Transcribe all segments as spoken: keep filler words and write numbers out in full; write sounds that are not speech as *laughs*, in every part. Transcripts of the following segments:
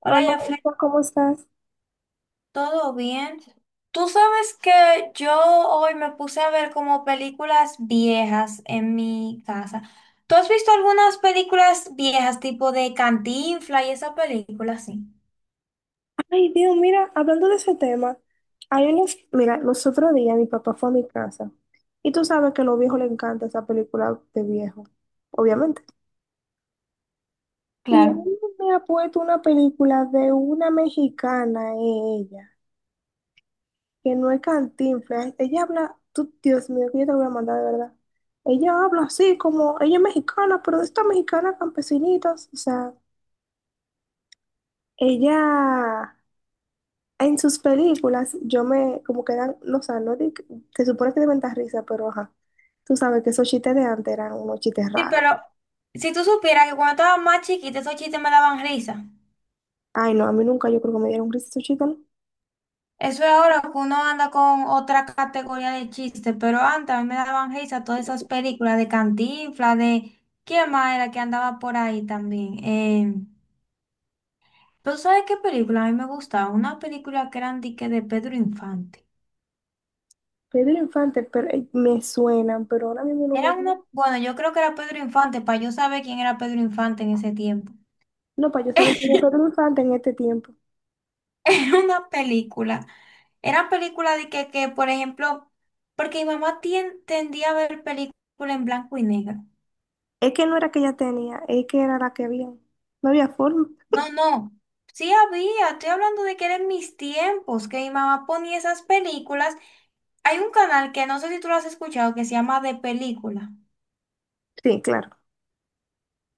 Hola, Hola, Jafre, Juanpa, ¿cómo estás? ¿todo bien? Tú sabes que yo hoy me puse a ver como películas viejas en mi casa. ¿Tú has visto algunas películas viejas, tipo de Cantinflas y esa película? Sí. Ay, Dios, mira, hablando de ese tema, hay unos, mira, los otros días mi papá fue a mi casa y tú sabes que a los viejos les encanta esa película de viejo, obviamente. Y él Claro. me ha puesto una película de una mexicana, ella, que no es Cantinflas. Ella habla, tú, Dios mío, que yo te la voy a mandar de verdad. Ella habla así como, ella es mexicana, pero de estas mexicanas campesinitas, o sea, ella. En sus películas, yo me, como que eran, no, o sea, no, di- se supone que deben dar risa, pero ajá, tú sabes que esos chistes de antes eran unos chistes Sí, raros. pero si tú supieras que cuando estaba más chiquita, esos chistes me daban risa. Ay, no, a mí nunca yo creo que me dieron risa esos chistes, ¿no? Eso es ahora que uno anda con otra categoría de chistes, pero antes a mí me daban risa todas esas películas de Cantinflas, de... ¿Quién más era que andaba por ahí también? Eh... ¿Tú sabes qué película a mí me gustaba? Una película que eran dique de Pedro Infante. Pedro Infante, pero eh, me suenan, pero ahora mismo no Era me... una, bueno, yo creo que era Pedro Infante, para yo saber quién era Pedro Infante en ese tiempo. No, para yo saber quién era Pedro *laughs* Infante en este tiempo. Era una película. Eran película de que, que, por ejemplo, porque mi mamá tien- tendía a ver películas en blanco y negro. Es que no era que ella tenía, es que era la que había. No había forma. No, no. Sí había, estoy hablando de que eran mis tiempos, que mi mamá ponía esas películas. Hay un canal que no sé si tú lo has escuchado que se llama De Película. Sí, claro,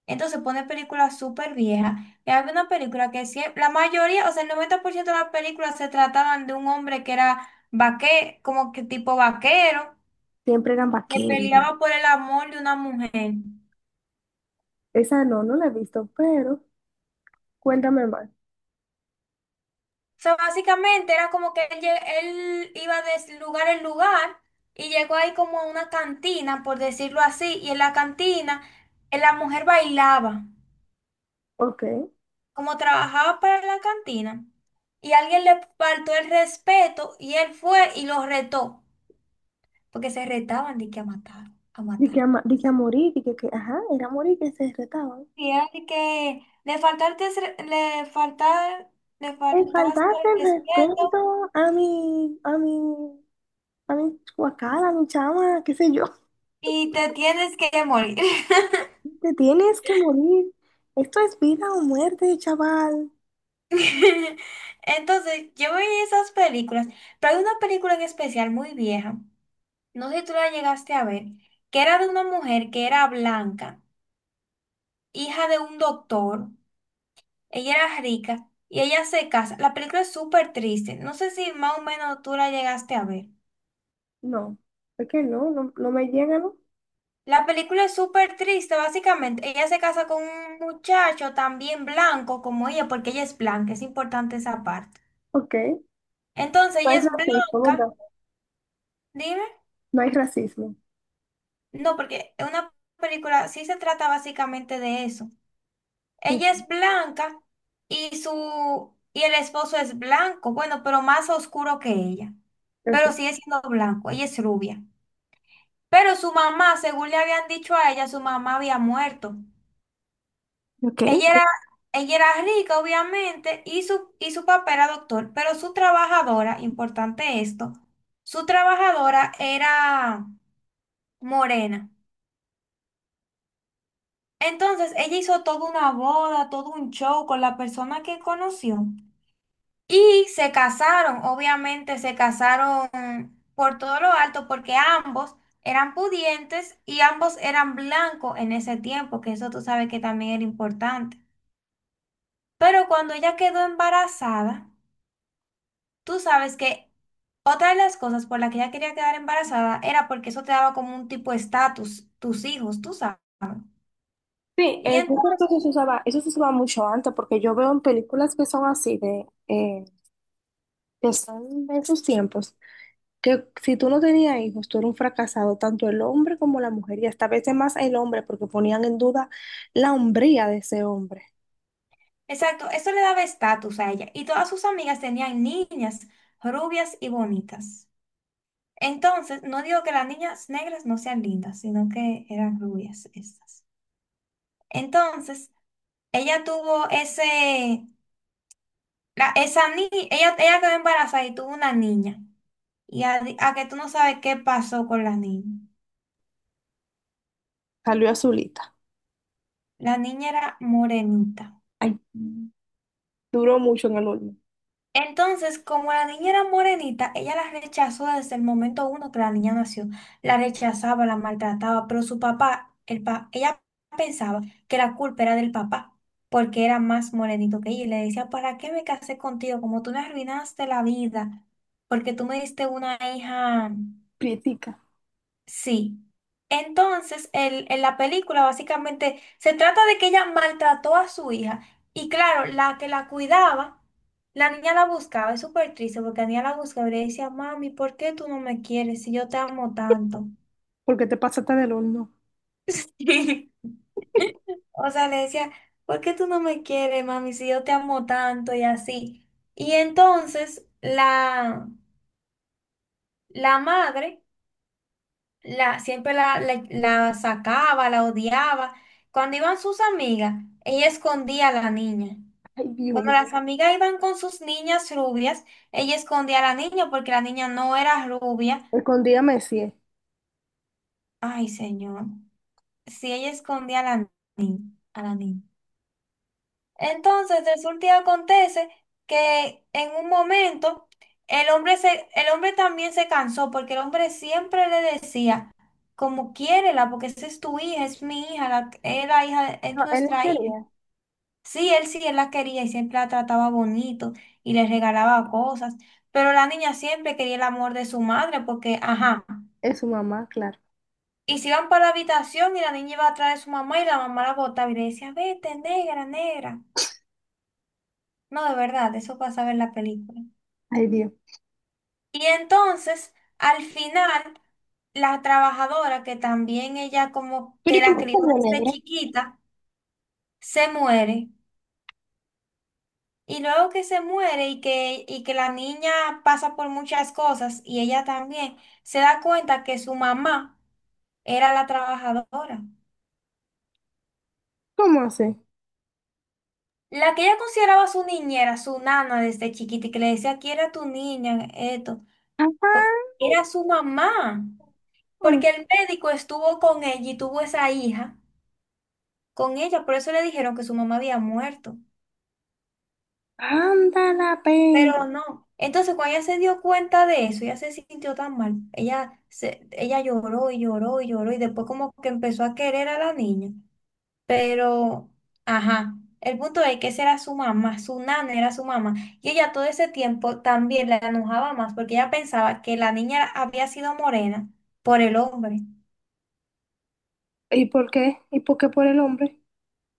Entonces pone películas súper viejas. Y había una película que siempre, la mayoría, o sea, el noventa por ciento de las películas se trataban de un hombre que era vaquero, como que tipo vaquero, siempre eran que vaqueros. peleaba por el amor de una mujer. Esa no, no la he visto, pero cuéntame más. O sea, básicamente era como que él, lle- él iba de lugar en lugar y llegó ahí como a una cantina, por decirlo así, y en la cantina eh, la mujer bailaba, Ok. como trabajaba para la cantina, y alguien le faltó el respeto y él fue y lo retó. Porque se retaban de que a matar, a Di que, matar. ama- di que a morir, di que, que, ajá, era a morir que se retaban. Y era de que le faltaste, le faltar, le Me faltaste faltaste el el respeto respeto a mi, a mi, a mi guacal, a mi chama, qué sé yo. y te tienes que morir. Te tienes que morir. Esto es vida o muerte, chaval. *laughs* Entonces, yo veía esas películas, pero hay una película en especial muy vieja, no sé si tú la llegaste a ver, que era de una mujer que era blanca, hija de un doctor, ella era rica y ella se casa. La película es súper triste, no sé si más o menos tú la llegaste a ver. No, es que no, no, no me llega, ¿no? La película es súper triste, básicamente. Ella se casa con un muchacho también blanco como ella, porque ella es blanca, es importante esa parte. Ok. ¿No Entonces, ella hay es racismo, blanca, verdad? dime. No hay racismo. No, porque es una película sí se trata básicamente de eso. Ok. Ella es blanca y su y el esposo es blanco, bueno, pero más oscuro que ella. Pero Ok. sigue siendo blanco, ella es rubia. Pero su mamá, según le habían dicho a ella, su mamá había muerto. ¿Ok? Ella era, ella era rica, obviamente, y su, y su papá era doctor, pero su trabajadora, importante esto, su trabajadora era morena. Entonces, ella hizo toda una boda, todo un show con la persona que conoció. Y se casaron, obviamente, se casaron por todo lo alto, porque ambos eran pudientes y ambos eran blancos en ese tiempo, que eso tú sabes que también era importante. Pero cuando ella quedó embarazada, tú sabes que otra de las cosas por las que ella quería quedar embarazada era porque eso te daba como un tipo de estatus, tus hijos, tú sabes. Sí, Y eh, yo creo que eso entonces, se usaba, eso se usaba mucho antes, porque yo veo en películas que son así, de, eh, que son de esos tiempos, que si tú no tenías hijos, tú eras un fracasado, tanto el hombre como la mujer, y hasta a veces más el hombre, porque ponían en duda la hombría de ese hombre. exacto, eso le daba estatus a ella. Y todas sus amigas tenían niñas rubias y bonitas. Entonces, no digo que las niñas negras no sean lindas, sino que eran rubias estas. Entonces, ella tuvo ese, la- esa niña, ella, ella quedó embarazada y tuvo una niña. Y a, a que tú no sabes qué pasó con la niña. Salió azulita. La niña era morenita. Ay, duró mucho en el horno. Entonces, como la niña era morenita, ella la rechazó desde el momento uno que la niña nació. La rechazaba, la maltrataba, pero su papá, el pa- ella pensaba que la culpa era del papá, porque era más morenito que ella. Y le decía, ¿para qué me casé contigo? Como tú me arruinaste la vida, porque tú me diste una hija. Prietica, Sí. Entonces, el- en la película básicamente se trata de que ella maltrató a su hija y claro, la que la cuidaba, la niña la buscaba, es súper triste porque la niña la buscaba y le decía, mami, ¿por qué tú no me quieres si yo te amo tanto? porque te pasaste del horno. *laughs* O sea, le decía, ¿por qué tú no me quieres, mami, si yo te amo tanto y así? Y entonces la, la madre... la, siempre la, la- la sacaba, la odiaba. Cuando iban sus amigas, ella escondía a la niña. Ay, Dios Cuando mío. las amigas iban con sus niñas rubias, ella escondía a la niña porque la niña no era rubia. Escondía Messi. Ay, señor. Si ella escondía a la niña, a la niña. Entonces, resulta y acontece que en un momento el hombre, se, el hombre también se cansó porque el hombre siempre le decía, como quiérela, porque esa es tu hija, es mi hija, la, es la hija, de- es No, él no nuestra hija. quería. Sí, él sí, él la quería y siempre la trataba bonito y le regalaba cosas, pero la niña siempre quería el amor de su madre porque, ajá, Es su mamá, claro. y se iban para la habitación y la niña iba atrás de su mamá y la mamá la botaba y le decía, vete, negra, negra. No, de verdad, eso pasaba en la película. Ay, Dios. Y entonces, al final, la trabajadora, que también ella como Pero que ¿y la por qué crió salió desde negra? chiquita, se muere. Y luego que se muere y que, y que la niña pasa por muchas cosas y ella también se da cuenta que su mamá era la trabajadora. ¿Cómo así? La que ella consideraba su niñera, su nana desde chiquita y que le decía, aquí era tu niña, esto, Ajá. po- era su mamá. Porque el médico estuvo con ella y tuvo esa hija. Con ella, por eso le dijeron que su mamá había muerto, Anda la pena. pero no. Entonces, cuando ella se dio cuenta de eso, ella se sintió tan mal. Ella, se, ella lloró y lloró y lloró y después como que empezó a querer a la niña. Pero, ajá, el punto es que esa era su mamá, su nana era su mamá. Y ella todo ese tiempo también la enojaba más porque ella pensaba que la niña era- había sido morena por el hombre, ¿Y por qué? ¿Y por qué por el hombre?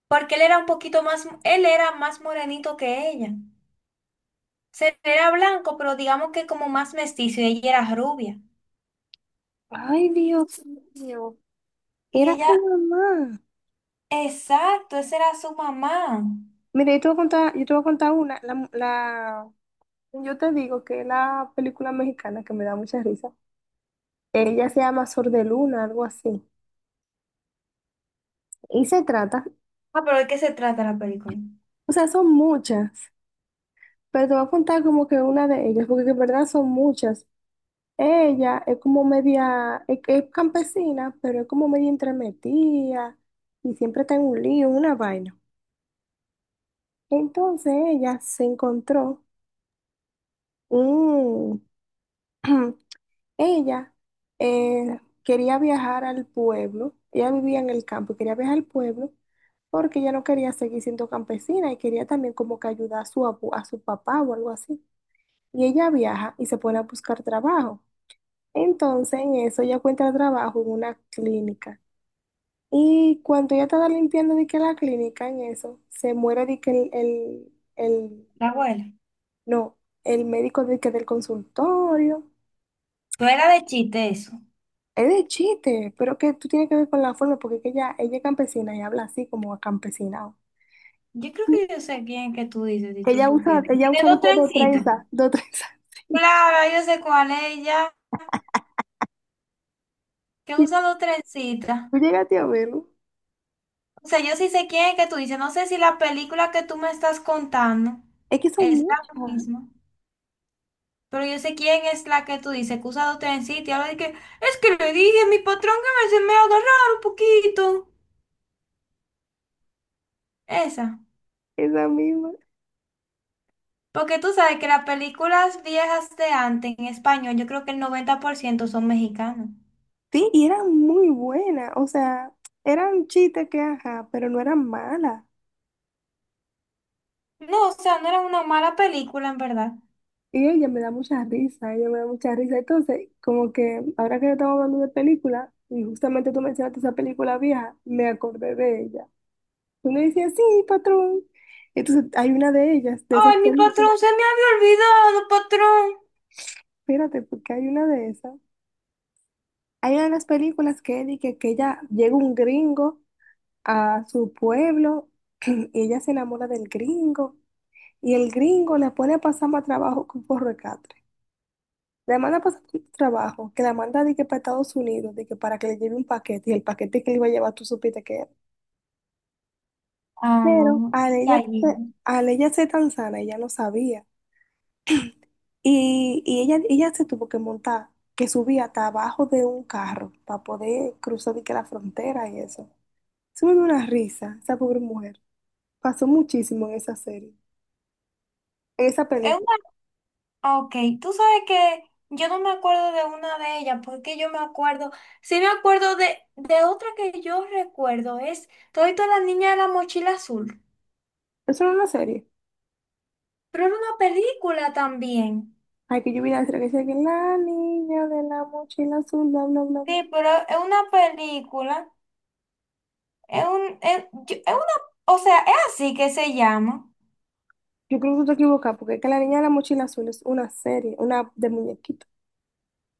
porque él era un poquito más, él era más morenito que ella. Se- Era blanco, pero digamos que como más mestizo y ella era rubia. Ay, Dios mío. Y Era ella, tu mamá. exacto, esa era su mamá. Mira, yo te voy a contar, yo te voy a contar una. La, la- yo te digo que es la película mexicana que me da mucha risa. Ella se llama Sor de Luna, algo así. Y se trata, Ah, pero ¿de qué se trata la película? o sea, son muchas, pero te voy a contar como que una de ellas, porque en verdad son muchas. Ella es como media, es, es campesina, pero es como media entremetida y siempre está en un lío, en una vaina. Entonces ella se encontró un, *clears throat* ella eh, quería viajar al pueblo, ella vivía en el campo y quería viajar al pueblo porque ella no quería seguir siendo campesina y quería también como que ayudar a su, abu- a su papá o algo así. Y ella viaja y se pone a buscar trabajo. Entonces en eso ella encuentra trabajo en una clínica. Y cuando ella estaba limpiando de que la clínica en eso, se muere de que el, el, el- La abuela. no, el médico de que del consultorio. Pero era de chiste eso. Es de chiste, pero que tú tienes que ver con la forma, porque es que ella, ella es campesina y habla así como acampesinado. Yo creo que yo sé quién que tú dices, si Que tú ella usa, supieras. ella Tiene usa de dos de trencitas. trenza, de trenza, *laughs* sí. Claro, yo sé cuál es ella, que Y usa dos trencitas. tú llegaste a verlo. O sea, yo sí sé quién es que tú dices. No sé si la película que tú me estás contando Es que son es la muchas, misma. Pero yo sé quién es la que tú dices que usa dos trencitos y ahora de que es que le dije a mi patrón que me, se me agarrara un poquito. Esa. esa misma. Porque tú sabes que las películas viejas de antes en español, yo creo que el noventa por ciento son mexicanos. Sí, y eran muy buenas, o sea, eran chistes que, ajá, pero no eran malas. No, o sea, no era una mala película en verdad. Y ella me da mucha risa, ella me da mucha risa. Entonces, como que ahora que estamos hablando de película, y justamente tú mencionaste esa película vieja, me acordé de ella. Uno decía, sí, patrón. Entonces, hay una de ellas, de esas Ay, mi películas. patrón, se me había olvidado, patrón. Espérate, porque hay una de esas. Hay una de las películas que él y que, que ella llega un gringo a su pueblo, *clears throat* y ella se enamora del gringo y el gringo la pone a pasar más trabajo con por recatre. La manda a pasar por trabajo, que la manda de que para Estados Unidos, de que para que le lleve un paquete y el paquete que le iba a llevar tú supiste que era. Ah, no, Pero un al ella, detallito. al ella ser tan sana, ella no sabía. Y, y ella, ella se tuvo que montar, que subía hasta abajo de un carro para poder cruzar de que la frontera y eso. Eso me dio una risa, esa pobre mujer. Pasó muchísimo en esa serie, en esa Es película. Ok, tú sabes que yo no me acuerdo de una de ellas, porque yo me acuerdo, sí me acuerdo de, de otra que yo recuerdo, es Todito la niña de la mochila azul, Eso no es una serie. pero era una película también. Hay que yo vi la serie que dice que la niña de la mochila azul, bla, bla, bla, bla. Sí, pero es una película, es un, es, yo- es una, o sea, es así que se llama. Yo creo que tú te equivocas, porque es que la niña de la mochila azul es una serie, una de muñequito.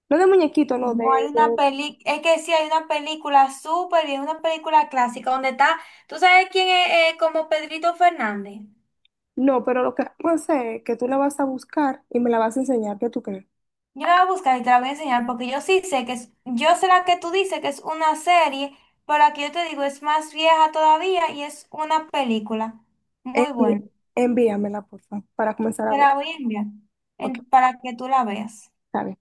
No de muñequito, no, de, No hay una de- peli, es que sí hay una película súper y es una película clásica donde está, ¿tú sabes quién es eh, como Pedrito Fernández? No, pero lo que vamos a hacer es que tú la vas a buscar y me la vas a enseñar, ¿qué tú crees? Yo la voy a buscar y te la voy a enseñar porque yo sí sé que es, yo sé la que tú dices que es una serie, pero aquí yo te digo es más vieja todavía y es una película. Muy buena. Envi- envíamela, por favor, para comenzar a Te ver. la voy a enviar Ok, en- para que tú la veas. está bien.